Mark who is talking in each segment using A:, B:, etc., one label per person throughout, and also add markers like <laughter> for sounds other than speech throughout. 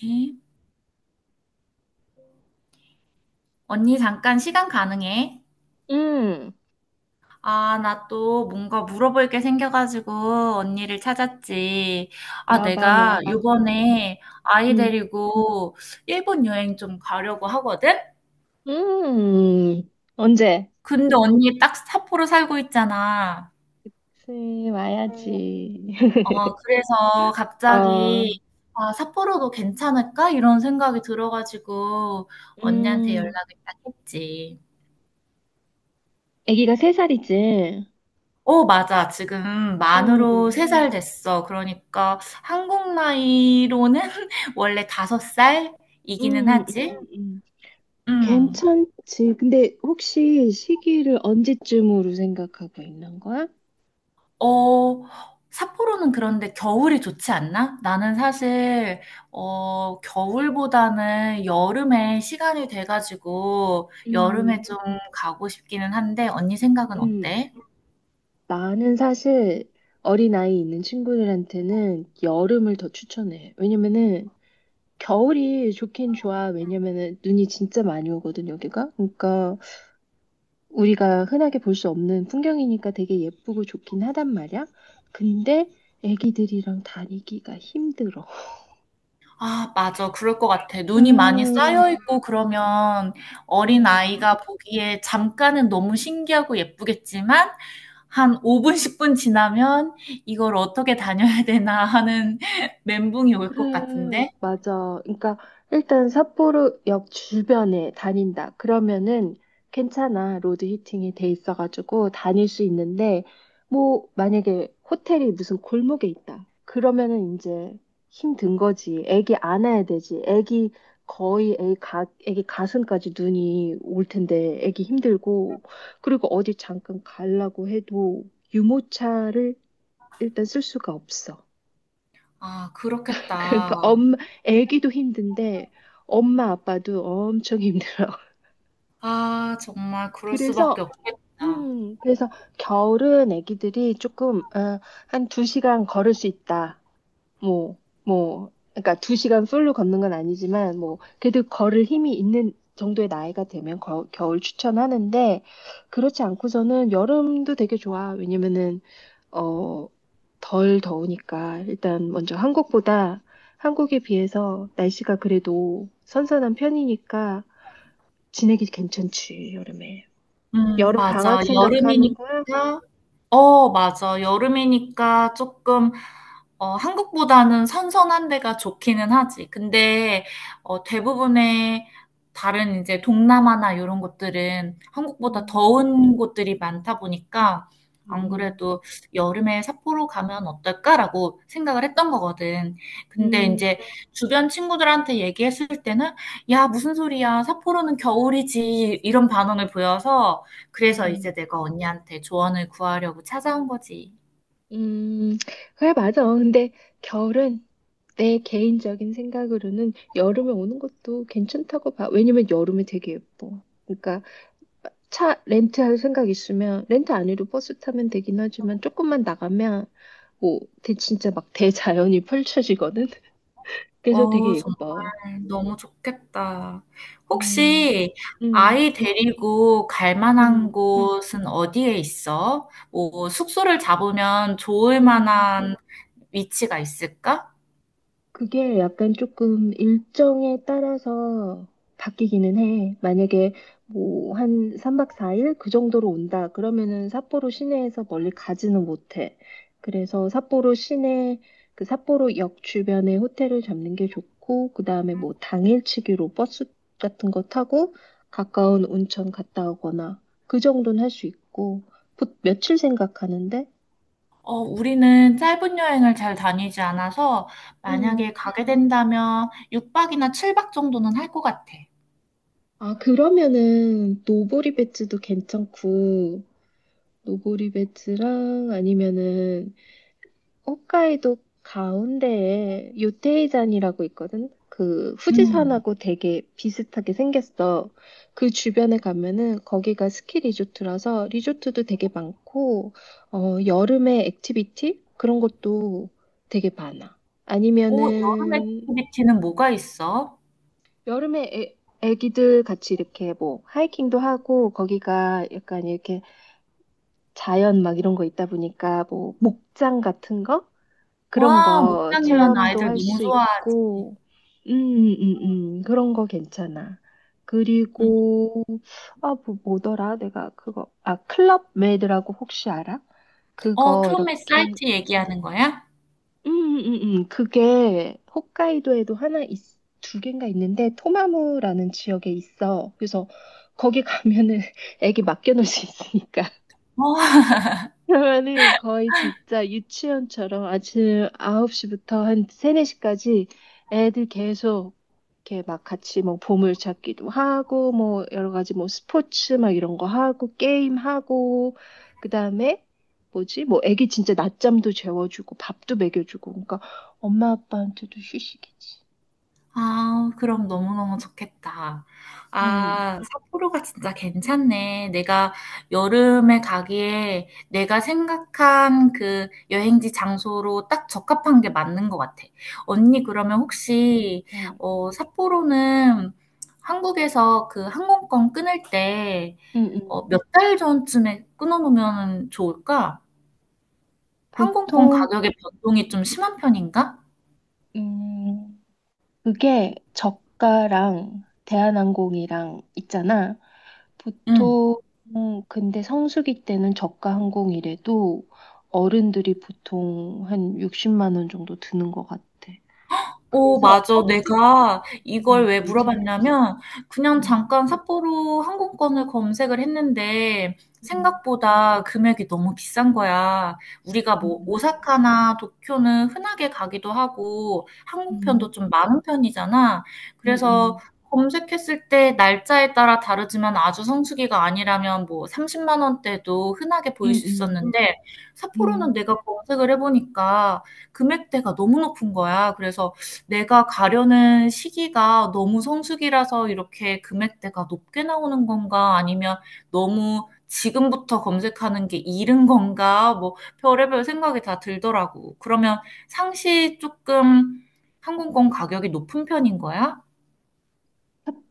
A: 네. 언니, 잠깐 시간 가능해?
B: 음,
A: 아, 나 또 뭔가 물어볼 게 생겨가지고 언니를 찾았지. 아,
B: 물어봐,
A: 내가
B: 물어봐.
A: 요번에 아이
B: 음,
A: 데리고 일본 여행 좀 가려고 하거든?
B: 음, 음. 언제?
A: 근데 언니 딱 삿포로 살고 있잖아.
B: 슬
A: 어,
B: 와야지. <laughs>
A: 그래서
B: 어,
A: 갑자기 아, 삿포로도 괜찮을까? 이런 생각이 들어가지고 언니한테
B: 음,
A: 연락을 딱 했지.
B: 아기가 3살이지.
A: 어, 맞아. 지금
B: 음,
A: 만으로 세
B: 음,
A: 살 됐어. 그러니까 한국 나이로는 <laughs> 원래 다섯 살이기는
B: 음,
A: 하지.
B: 음, 음.
A: 음.
B: 괜찮지. 근데 혹시 시기를 언제쯤으로 생각하고 있는 거야?
A: 어, 삿포로는 그런데 겨울이 좋지 않나? 나는 사실 겨울보다는 여름에 시간이 돼가지고 여름에
B: 음,
A: 좀 가고 싶기는 한데 언니 생각은
B: 음.
A: 어때?
B: 나는 사실 어린아이 있는 친구들한테는 여름을 더 추천해. 왜냐면은 겨울이 좋긴 좋아. 왜냐면은 눈이 진짜 많이 오거든, 여기가. 그러니까 우리가 흔하게 볼 수 없는 풍경이니까 되게 예쁘고 좋긴 하단 말이야. 근데 애기들이랑 다니기가 힘들어.
A: 아, 맞아. 그럴 것 같아. 눈이 많이 쌓여
B: 음,
A: 있고 그러면 어린
B: 어.
A: 아이가 보기에 잠깐은 너무 신기하고 예쁘겠지만 한 5분, 10분 지나면 이걸 어떻게 다녀야 되나 하는 <laughs> 멘붕이 올 것
B: 그래,
A: 같은데.
B: 맞아. 그러니까 일단 삿포로역 주변에 다닌다. 그러면은 괜찮아. 로드 히팅이 돼 있어가지고 다닐 수 있는데 뭐 만약에 호텔이 무슨 골목에 있다. 그러면은 이제 힘든 거지. 애기 안아야 되지. 애기 거의 애기 가슴까지 눈이 올 텐데 애기 힘들고 그리고 어디 잠깐 가려고 해도 유모차를 일단 쓸 수가 없어.
A: 아, 그렇겠다.
B: 그러니까 엄 애기도 힘든데 엄마 아빠도 엄청 힘들어. <laughs>
A: 아, 정말 그럴 수밖에
B: 그래서
A: 없겠다.
B: 그래서 겨울은 애기들이 조금 한 2시간 걸을 수 있다. 뭐 그러니까 2시간 풀로 걷는 건 아니지만 뭐 그래도 걸을 힘이 있는 정도의 나이가 되면 겨울 추천하는데 그렇지 않고서는 여름도 되게 좋아. 왜냐면은 어, 덜 더우니까 일단 먼저 한국보다 한국에 비해서 날씨가 그래도 선선한 편이니까 지내기 괜찮지, 여름에. 여름
A: 맞아.
B: 방학 생각하는 거야?
A: 여름이니까 맞아. 여름이니까 조금, 어, 한국보다는 선선한 데가 좋기는 하지. 근데, 대부분의 다른 이제 동남아나 이런 곳들은 한국보다
B: 음,
A: 더운 곳들이 많다 보니까 안
B: 음,
A: 그래도 여름에 삿포로 가면 어떨까라고 생각을 했던 거거든. 근데
B: 음,
A: 이제 주변 친구들한테 얘기했을 때는 야, 무슨 소리야. 삿포로는 겨울이지. 이런 반응을 보여서 그래서 이제
B: 음,
A: 내가 언니한테 조언을 구하려고 찾아온 거지.
B: 음. 그래, 맞아. 근데 겨울은 내 개인적인 생각으로는 여름에 오는 것도 괜찮다고 봐. 왜냐면 여름에 되게 예뻐. 그러니까 차 렌트할 생각 있으면 렌트 안 해도 버스 타면 되긴 하지만 조금만 나가면 뭐 진짜 막 대자연이 펼쳐지거든. <laughs> 그래서
A: 어,
B: 되게
A: 정말
B: 예뻐.
A: 너무 좋겠다.
B: 음,
A: 혹시
B: 음,
A: 아이 데리고 갈 만한
B: 음,
A: 곳은 어디에 있어? 뭐 숙소를 잡으면 좋을
B: 음.
A: 만한 위치가 있을까?
B: 그게 약간 조금 일정에 따라서 바뀌기는 해. 만약에 뭐 한 3박 4일 그 정도로 온다. 그러면은 삿포로 시내에서 멀리 가지는 못해. 그래서 삿포로 시내 그 삿포로 역 주변에 호텔을 잡는 게 좋고 그다음에 뭐 당일치기로 버스 같은 거 타고 가까운 온천 갔다 오거나 그 정도는 할 수 있고 며칠 생각하는데?
A: 어, 우리는 짧은 여행을 잘 다니지 않아서
B: 음.
A: 만약에 가게 된다면 6박이나 7박 정도는 할 것 같아.
B: 아, 그러면은 노보리 배츠도 괜찮고 노보리 배츠랑 아니면은 홋카이도 가운데에 요테이잔이라고 있거든. 그
A: 음.
B: 후지산하고 되게 비슷하게 생겼어. 그 주변에 가면은 거기가 스키 리조트라서 리조트도 되게 많고 여름에 액티비티 그런 것도 되게 많아.
A: 오, 여름
B: 아니면은
A: 액티비티는 뭐가 있어?
B: 여름에 애기들 같이 이렇게 뭐 하이킹도 하고 거기가 약간 이렇게 자연 막 이런 거 있다 보니까 뭐 목장 같은 거 그런
A: 와,
B: 거
A: 목장이라는
B: 체험도
A: 아이들
B: 할
A: 너무
B: 수
A: 좋아하지.
B: 있고 그런 거 괜찮아.
A: 음.
B: 그리고 아, 뭐더라? 내가 그거 아 클럽 메이드라고 혹시 알아?
A: 어,
B: 그거
A: 클럽메이트
B: 이렇게
A: 사이트 얘기하는 거야?
B: 음, 음. 그게 홋카이도에도 2개인가 있는데 토마무라는 지역에 있어. 그래서 거기 가면은 <laughs> 애기 맡겨놓을 수 있으니까.
A: 어,
B: 그러면은 거의 진짜 유치원처럼 아침 9시부터 한 3, 4시까지 애들 계속 이렇게 막 같이 뭐 보물찾기도 하고 뭐 여러 가지 뭐 스포츠 막 이런 거 하고 게임하고 그다음에 뭐지? 뭐 애기 진짜 낮잠도 재워주고 밥도 먹여주고 그러니까 엄마 아빠한테도 휴식이지.
A: 아, 그럼 너무너무 좋겠다.
B: 음.
A: 아, 삿포로가 진짜 괜찮네. 내가 여름에 가기에 내가 생각한 그 여행지 장소로 딱 적합한 게 맞는 것 같아. 언니, 그러면 혹시,
B: 음.
A: 어, 삿포로는 한국에서 그 항공권 끊을 때,
B: 음. 음.
A: 몇 달 전쯤에 끊어놓으면 좋을까? 항공권
B: 보통
A: 가격의 변동이 좀 심한 편인가?
B: 음. 그게 저가랑 대한항공이랑 있잖아.
A: 응.
B: 보통 근데 성수기 때는 저가 항공이래도 어른들이 보통 한 60만 원 정도 드는 것 같아.
A: 어,
B: 그래서
A: 맞아.
B: 성수기
A: 내가 이걸
B: 때는
A: 왜
B: 별 차이 없어.
A: 물어봤냐면 그냥
B: 음,
A: 잠깐 삿포로 항공권을 검색을 했는데
B: 음,
A: 생각보다 금액이 너무 비싼 거야.
B: 음,
A: 우리가 뭐
B: 음,
A: 오사카나 도쿄는 흔하게 가기도 하고
B: 음,
A: 항공편도 좀 많은 편이잖아. 그래서
B: 음,
A: 검색했을 때 날짜에 따라 다르지만 아주 성수기가 아니라면 뭐 30만 원대도 흔하게 보일
B: 음,
A: 수
B: 음,
A: 있었는데
B: 음, 음.
A: 삿포로는 내가 검색을 해보니까 금액대가 너무 높은 거야. 그래서 내가 가려는 시기가 너무 성수기라서 이렇게 금액대가 높게 나오는 건가? 아니면 너무 지금부터 검색하는 게 이른 건가? 뭐 별의별 생각이 다 들더라고. 그러면 상시 조금 항공권 가격이 높은 편인 거야?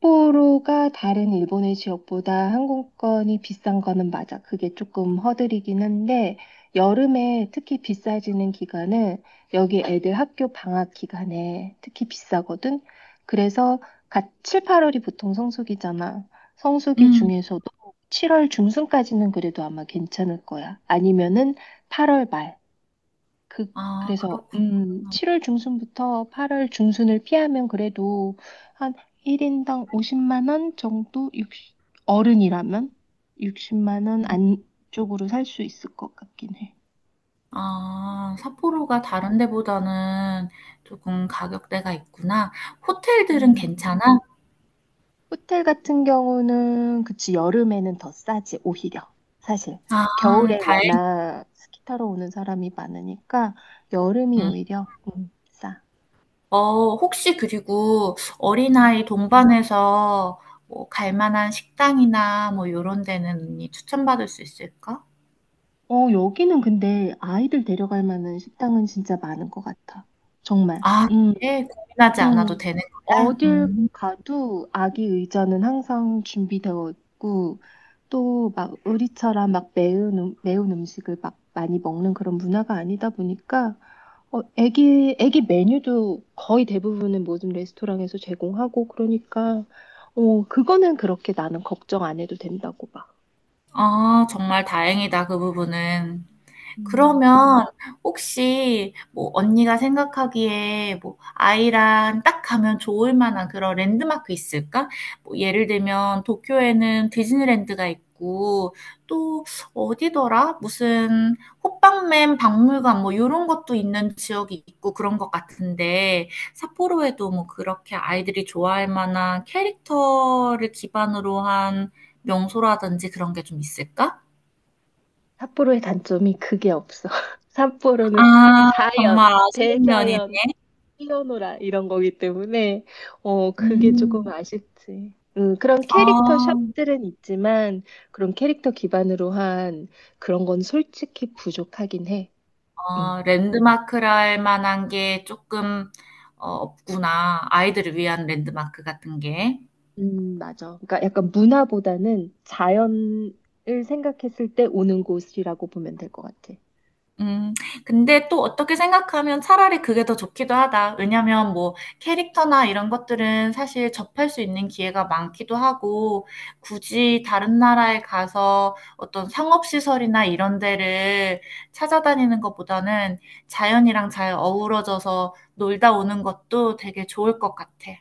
B: 삿포로가 다른 일본의 지역보다 항공권이 비싼 거는 맞아. 그게 조금 허들이긴 한데, 여름에 특히 비싸지는 기간은 여기 애들 학교 방학 기간에 특히 비싸거든. 그래서 갓 7, 8월이 보통 성수기잖아. 성수기
A: 음.
B: 중에서도 7월 중순까지는 그래도 아마 괜찮을 거야. 아니면은 8월 말. 그,
A: 아,
B: 그래서,
A: 그렇구나.
B: 7월 중순부터 8월 중순을 피하면 그래도 한 1인당 50만 원 정도, 육 어른이라면 60만 원 안쪽으로 살 수 있을 것 같긴 해.
A: 아, 삿포로가 다른 데보다는 조금 가격대가 있구나. 호텔들은
B: 음.
A: 괜찮아?
B: 호텔 같은 경우는, 그치, 여름에는 더 싸지, 오히려. 사실.
A: 아,
B: 겨울에
A: 다행.
B: 워낙 스키 타러 오는 사람이 많으니까, 여름이
A: 음.
B: 오히려, 싸.
A: 어, 혹시 그리고 어린아이 동반해서 뭐 갈 만한 식당이나 뭐 요런 데는 언니 추천받을 수 있을까?
B: 어, 여기는 근데 아이들 데려갈 만한 식당은 진짜 많은 것 같아. 정말.
A: 아, 그래? 고민하지 않아도
B: 음.
A: 되는 거야?
B: 어딜
A: 음.
B: 가도 아기 의자는 항상 준비되어 있고, 또 막 의리처럼 막 매운 음식을 막 많이 먹는 그런 문화가 아니다 보니까, 어, 애기 메뉴도 거의 대부분은 모든 레스토랑에서 제공하고, 그러니까, 어, 그거는 그렇게 나는 걱정 안 해도 된다고 봐.
A: 아, 정말 다행이다, 그 부분은.
B: 음.
A: 그러면 혹시 뭐 언니가 생각하기에 뭐 아이랑 딱 가면 좋을 만한 그런 랜드마크 있을까? 뭐 예를 들면 도쿄에는 디즈니랜드가 있고 또 어디더라? 무슨 호빵맨 박물관 뭐 이런 것도 있는 지역이 있고 그런 것 같은데 삿포로에도 뭐 그렇게 아이들이 좋아할 만한 캐릭터를 기반으로 한 명소라든지 그런 게 좀 있을까?
B: 삿포로의 단점이 그게 없어. <laughs> 삿포로는
A: 아, 정말
B: 자연,
A: 아쉬운 면이
B: 대자연, 뛰어노라 이런 거기 때문에 그게 조금
A: 음.
B: 아쉽지. 그런 캐릭터
A: 아.
B: 샵들은 있지만 그런 캐릭터 기반으로 한 그런 건 솔직히 부족하긴 해.
A: 어,
B: 음.
A: 랜드마크라 할 만한 게 조금 없구나. 아이들을 위한 랜드마크 같은 게.
B: 맞아. 그러니까 약간 문화보다는 자연을 생각했을 때 오는 곳이라고 보면 될 것 같아.
A: 음, 근데 또 어떻게 생각하면 차라리 그게 더 좋기도 하다. 왜냐면 뭐 캐릭터나 이런 것들은 사실 접할 수 있는 기회가 많기도 하고, 굳이 다른 나라에 가서 어떤 상업시설이나 이런 데를 찾아다니는 것보다는 자연이랑 잘 어우러져서 놀다 오는 것도 되게 좋을 것 같아.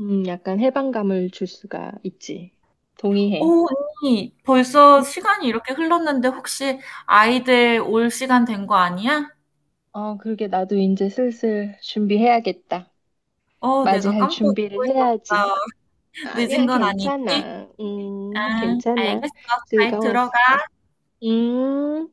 B: 약간 해방감을 줄 수가 있지. 동의해.
A: 오, 언니, 벌써 시간이 이렇게 흘렀는데 혹시 아이들 올 시간 된 거 아니야?
B: 어, 그러게 나도 이제 슬슬 준비해야겠다.
A: 어, 내가
B: 맞이할
A: 깜빡
B: 준비를
A: 잊고
B: 해야지.
A: 있었어.
B: 아,
A: 늦은
B: 아니야,
A: 건 아니지?
B: 괜찮아.
A: 아,
B: 괜찮아.
A: 알겠어. 잘
B: 즐거웠어.
A: 들어.
B: 음.